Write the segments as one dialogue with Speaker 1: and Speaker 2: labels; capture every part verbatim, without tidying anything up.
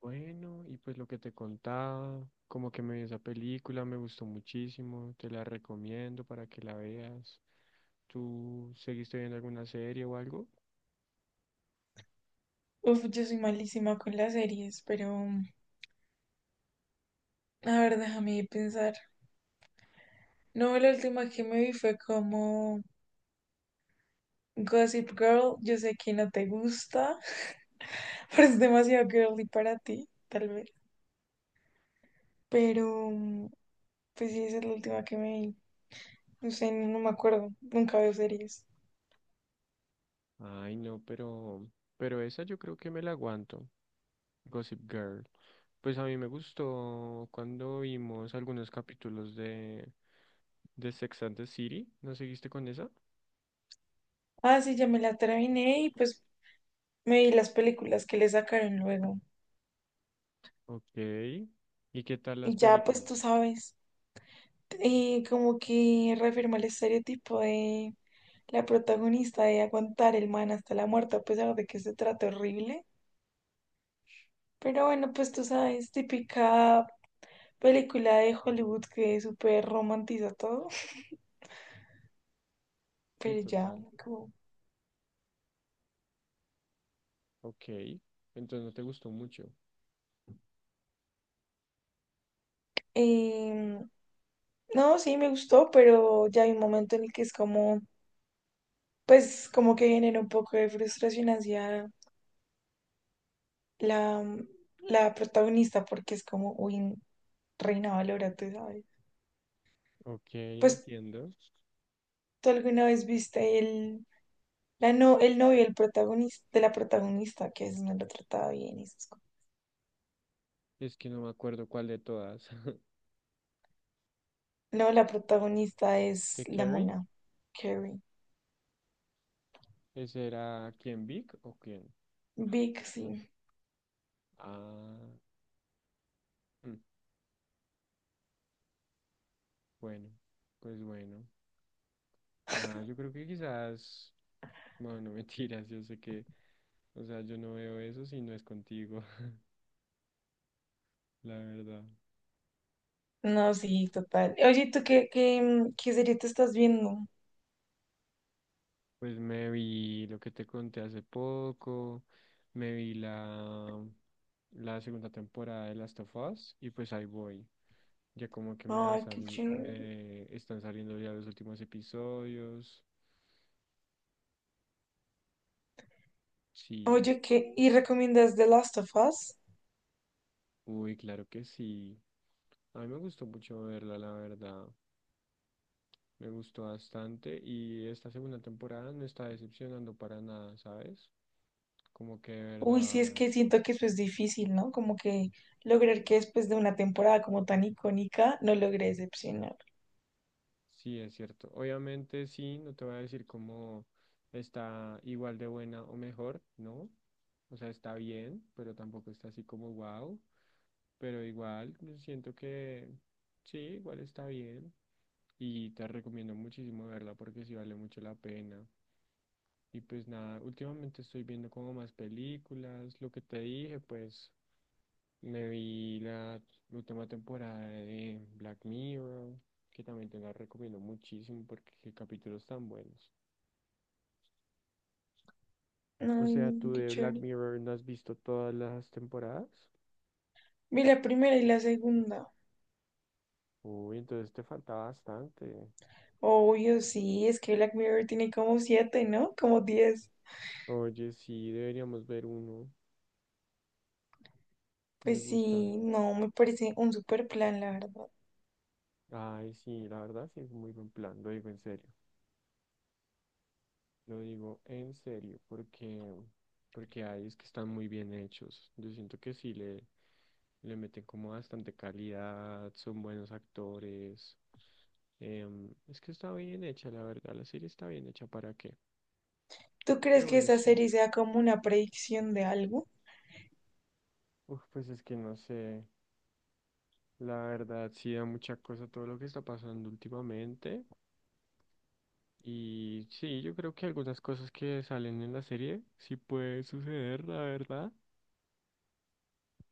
Speaker 1: Bueno, y pues lo que te contaba, como que me vi esa película, me gustó muchísimo, te la recomiendo para que la veas. ¿Tú seguiste viendo alguna serie o algo?
Speaker 2: Uf, yo soy malísima con las series, pero a ver, déjame pensar. No, la última que me vi fue como Gossip Girl. Yo sé que no te gusta, pero es demasiado girly para ti, tal vez. Pero, pues sí, esa es la última que me vi. No sé, no no me acuerdo. Nunca veo series.
Speaker 1: Ay, no, pero, pero esa yo creo que me la aguanto, Gossip Girl. Pues a mí me gustó cuando vimos algunos capítulos de, de Sex and the City, ¿no seguiste con esa?
Speaker 2: Ah, sí, ya me la terminé y pues me vi las películas que le sacaron luego.
Speaker 1: Ok, ¿y qué tal las
Speaker 2: Y ya, pues
Speaker 1: películas?
Speaker 2: tú sabes. Eh, como que reafirma el estereotipo de la protagonista de aguantar el man hasta la muerte, a pesar de que se trata horrible. Pero bueno, pues tú sabes, típica película de Hollywood que súper romantiza todo.
Speaker 1: Sí,
Speaker 2: Pero ya,
Speaker 1: total,
Speaker 2: como...
Speaker 1: ok, entonces no te gustó mucho.
Speaker 2: em, no, sí, me gustó, pero ya hay un momento en el que es como, pues como que genera un poco de frustración hacia la, la protagonista, porque es como, uy, reina valora, tú sabes.
Speaker 1: Ok,
Speaker 2: Pues,
Speaker 1: entiendo.
Speaker 2: ¿tú alguna vez viste el, la no, el novio el protagonista, de la protagonista, que a veces no lo trataba bien y esas cosas?
Speaker 1: Es que no me acuerdo cuál de todas.
Speaker 2: No, la protagonista es
Speaker 1: ¿De
Speaker 2: la
Speaker 1: carry?
Speaker 2: mona, Carrie.
Speaker 1: ¿Ese era quién, Vic o quién?
Speaker 2: Vic, sí.
Speaker 1: Ah, mm, bueno, pues bueno. Nada, yo creo que quizás, bueno, no mentiras, yo sé que, o sea, yo no veo eso si no es contigo, la verdad.
Speaker 2: No, sí, total. Oye, ¿tú qué, qué, mm, qué serie te estás viendo?
Speaker 1: Pues me vi lo que te conté hace poco, me vi la, la segunda temporada de Last of Us y pues ahí voy. Ya como que me, va a
Speaker 2: Ay, qué
Speaker 1: sali-
Speaker 2: chévere.
Speaker 1: me están saliendo ya los últimos episodios. Sí,
Speaker 2: Oye, ¿qué? ¿Y recomiendas The Last of Us?
Speaker 1: uy, claro que sí. A mí me gustó mucho verla, la verdad. Me gustó bastante y esta segunda temporada no está decepcionando para nada, ¿sabes? Como que de
Speaker 2: Uy, sí, es
Speaker 1: verdad,
Speaker 2: que siento que eso es difícil, ¿no? Como que lograr que después de una temporada como tan icónica, no logre decepcionar.
Speaker 1: sí es cierto. Obviamente sí, no te voy a decir cómo está igual de buena o mejor, ¿no? O sea, está bien, pero tampoco está así como wow. Pero igual, yo siento que sí, igual está bien. Y te recomiendo muchísimo verla porque sí vale mucho la pena. Y pues nada, últimamente estoy viendo como más películas. Lo que te dije, pues me vi la última temporada de Black Mirror, que también te la recomiendo muchísimo porque qué capítulos tan buenos. O
Speaker 2: Ay,
Speaker 1: sea,
Speaker 2: no,
Speaker 1: ¿tú
Speaker 2: qué
Speaker 1: de Black
Speaker 2: chévere.
Speaker 1: Mirror no has visto todas las temporadas?
Speaker 2: Vi la primera y la segunda.
Speaker 1: Uy, entonces te falta bastante.
Speaker 2: Obvio, sí, es que Black Mirror tiene como siete, ¿no? Como diez.
Speaker 1: Oye, sí, deberíamos ver uno. Me
Speaker 2: Pues
Speaker 1: gusta.
Speaker 2: sí, no, me parece un super plan, la verdad.
Speaker 1: Ay, sí, la verdad sí es muy buen plan, lo digo en serio. Lo digo en serio, porque, porque hay es que están muy bien hechos. Yo siento que sí le, le meten como bastante calidad, son buenos actores. Em, es que está bien hecha, la verdad. La serie está bien hecha, ¿para qué?
Speaker 2: ¿Tú crees
Speaker 1: Pero
Speaker 2: que
Speaker 1: bueno,
Speaker 2: esa
Speaker 1: sí.
Speaker 2: serie sea como una predicción de algo?
Speaker 1: Uf, pues es que no sé. La verdad, sí da mucha cosa todo lo que está pasando últimamente. Y sí, yo creo que algunas cosas que salen en la serie sí puede suceder, la verdad.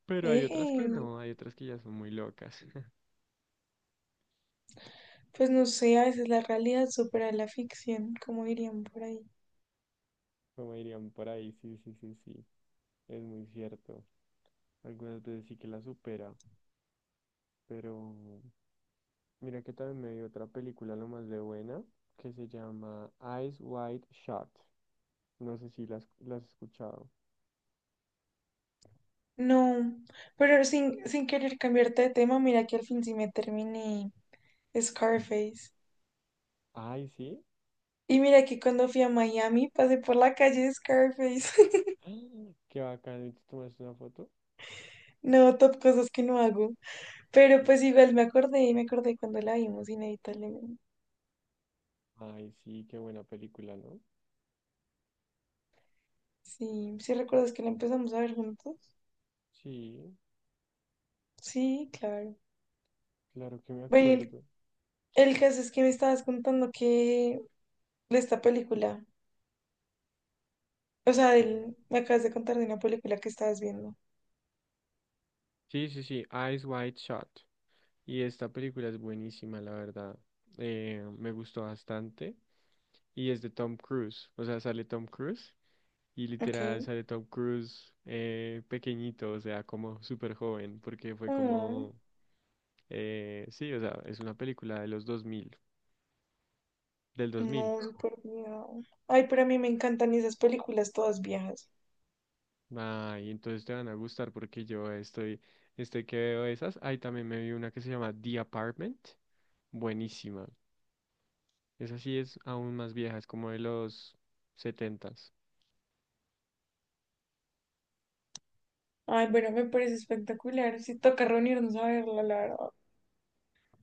Speaker 1: Pero hay otras que
Speaker 2: eh
Speaker 1: no, hay otras que ya son muy locas.
Speaker 2: Pues no sé, a veces la realidad supera la ficción, como dirían por ahí.
Speaker 1: Como dirían por ahí, sí, sí, sí, sí. Es muy cierto. Algunas veces sí que la supera. Pero mira que también me vi otra película lo más de buena que se llama Eyes Wide Shut. No sé si la has, la has escuchado.
Speaker 2: No, pero sin, sin querer cambiarte de tema, mira que al fin sí me terminé Scarface.
Speaker 1: Ay, sí.
Speaker 2: Y mira que cuando fui a Miami pasé por la calle de Scarface.
Speaker 1: ¡Ah! Qué bacán. ¿Y ¿Te tomaste una foto?
Speaker 2: No, top cosas que no hago. Pero pues igual me acordé y me acordé cuando la vimos, inevitablemente.
Speaker 1: Ay, sí, qué buena película, ¿no?
Speaker 2: Sí, ¿sí recuerdas que la empezamos a ver juntos?
Speaker 1: Sí,
Speaker 2: Sí, claro.
Speaker 1: claro que me
Speaker 2: Bueno,
Speaker 1: acuerdo.
Speaker 2: el, el caso es que me estabas contando que de esta película. O sea,
Speaker 1: Sí,
Speaker 2: del- me acabas de contar de una película que estabas viendo.
Speaker 1: sí, sí, sí, Eyes Wide Shut. Y esta película es buenísima, la verdad. Eh, me gustó bastante. Y es de Tom Cruise. O sea, sale Tom Cruise. Y literal
Speaker 2: Ok.
Speaker 1: sale Tom Cruise eh, pequeñito, o sea, como súper joven. Porque fue
Speaker 2: Mm,
Speaker 1: como... eh, sí, o sea, es una película de los dos mil. Del dos mil.
Speaker 2: no, súper viejo. Ay, pero a mí me encantan esas películas todas viejas.
Speaker 1: Ay, entonces te van a gustar porque yo estoy... Estoy que veo esas. Ahí también me vi una que se llama The Apartment. Buenísima. Esa sí es aún más vieja, es como de los setenta.
Speaker 2: Ay, bueno, me parece espectacular. Sí, toca reunirnos a verla, la verdad.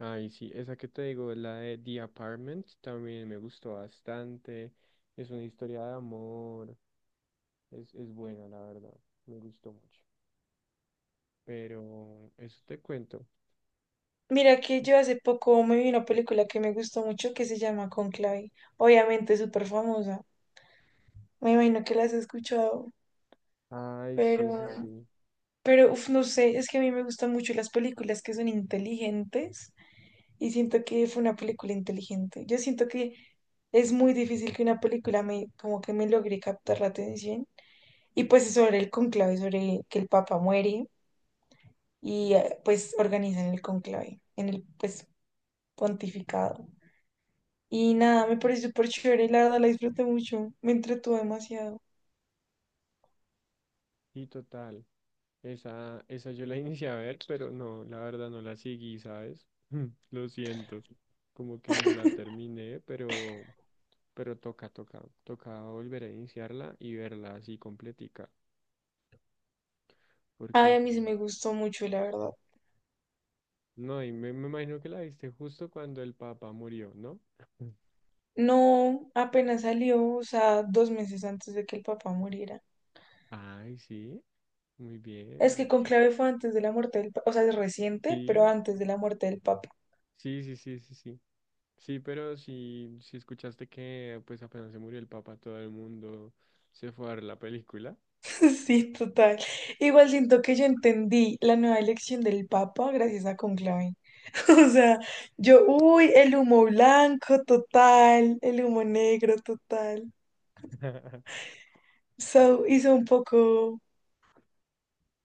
Speaker 1: Ay, sí, esa que te digo, la de The Apartment, también me gustó bastante. Es una historia de amor, es, es buena, la verdad, me gustó mucho. Pero eso te cuento.
Speaker 2: Mira que yo hace poco me vi una película que me gustó mucho que se llama Conclave. Obviamente es súper famosa. Me imagino que la has escuchado,
Speaker 1: Ay, sí, sí,
Speaker 2: pero,
Speaker 1: sí.
Speaker 2: pero, uf, no sé, es que a mí me gustan mucho las películas que son inteligentes y siento que fue una película inteligente. Yo siento que es muy difícil que una película me, como que me logre captar la atención. Y pues es sobre el conclave, sobre que el Papa muere y eh, pues organizan el conclave, en el pues pontificado. Y nada, me pareció súper chévere, la verdad la disfruté mucho, me entretuvo demasiado.
Speaker 1: Y total, esa, esa yo la inicié a ver, pero no, la verdad no la seguí, ¿sabes? Lo siento, como que no la terminé, pero, pero toca, toca, toca volver a iniciarla y verla así completica,
Speaker 2: Ay,
Speaker 1: porque
Speaker 2: a mí se
Speaker 1: sí.
Speaker 2: me gustó mucho, la verdad.
Speaker 1: No, y me, me imagino que la viste justo cuando el papá murió, ¿no?
Speaker 2: No, apenas salió, o sea, dos meses antes de que el papá muriera.
Speaker 1: Ay, sí, muy
Speaker 2: Es que
Speaker 1: bien.
Speaker 2: Conclave fue antes de la muerte del Papa, o sea, es reciente, pero
Speaker 1: Sí,
Speaker 2: antes de la muerte del Papa.
Speaker 1: sí, sí, sí, sí, sí. Sí, pero si si escuchaste que pues apenas se murió el papá, todo el mundo se fue a ver la película.
Speaker 2: Sí, total. Igual siento que yo entendí la nueva elección del Papa gracias a Conclave. O sea, yo, uy, el humo blanco total, el humo negro total. So, hizo un poco,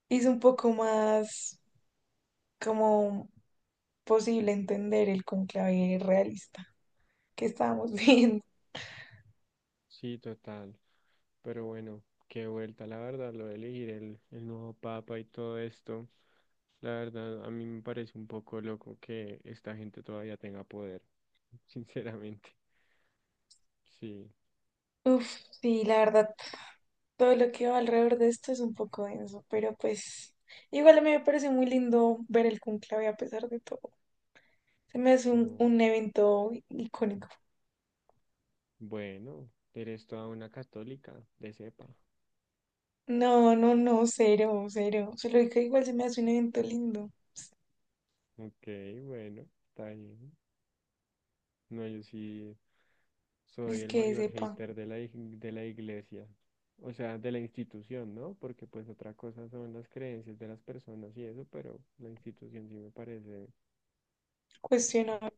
Speaker 2: hizo un poco más como posible entender el conclave realista que estábamos viendo.
Speaker 1: Sí, total. Pero bueno, qué vuelta, la verdad, lo de elegir el, el nuevo papa y todo esto. La verdad, a mí me parece un poco loco que esta gente todavía tenga poder, sinceramente. Sí,
Speaker 2: Uf, sí, la verdad, todo lo que va alrededor de esto es un poco denso, pero pues igual a mí me parece muy lindo ver el conclave a pesar de todo. Se me hace un,
Speaker 1: no.
Speaker 2: un evento icónico.
Speaker 1: Bueno, eres toda una católica, de cepa.
Speaker 2: No, no, no, cero, cero. Solo que igual se me hace un evento lindo.
Speaker 1: Ok, bueno, está bien. No, yo sí soy
Speaker 2: Es
Speaker 1: el
Speaker 2: que
Speaker 1: mayor
Speaker 2: sepa,
Speaker 1: hater de la, ig- de la iglesia, o sea, de la institución, ¿no? Porque pues otra cosa son las creencias de las personas y eso, pero la institución sí me parece
Speaker 2: cuestionar.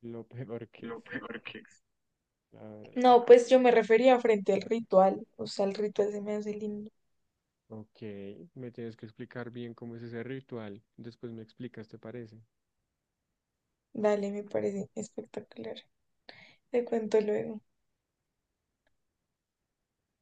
Speaker 1: lo peor que existe, la verdad.
Speaker 2: No, pues yo me refería frente al ritual. O sea, el ritual se me hace lindo.
Speaker 1: Ok, me tienes que explicar bien cómo es ese ritual. Después me explicas, ¿te parece?
Speaker 2: Dale, me parece espectacular. Te cuento luego.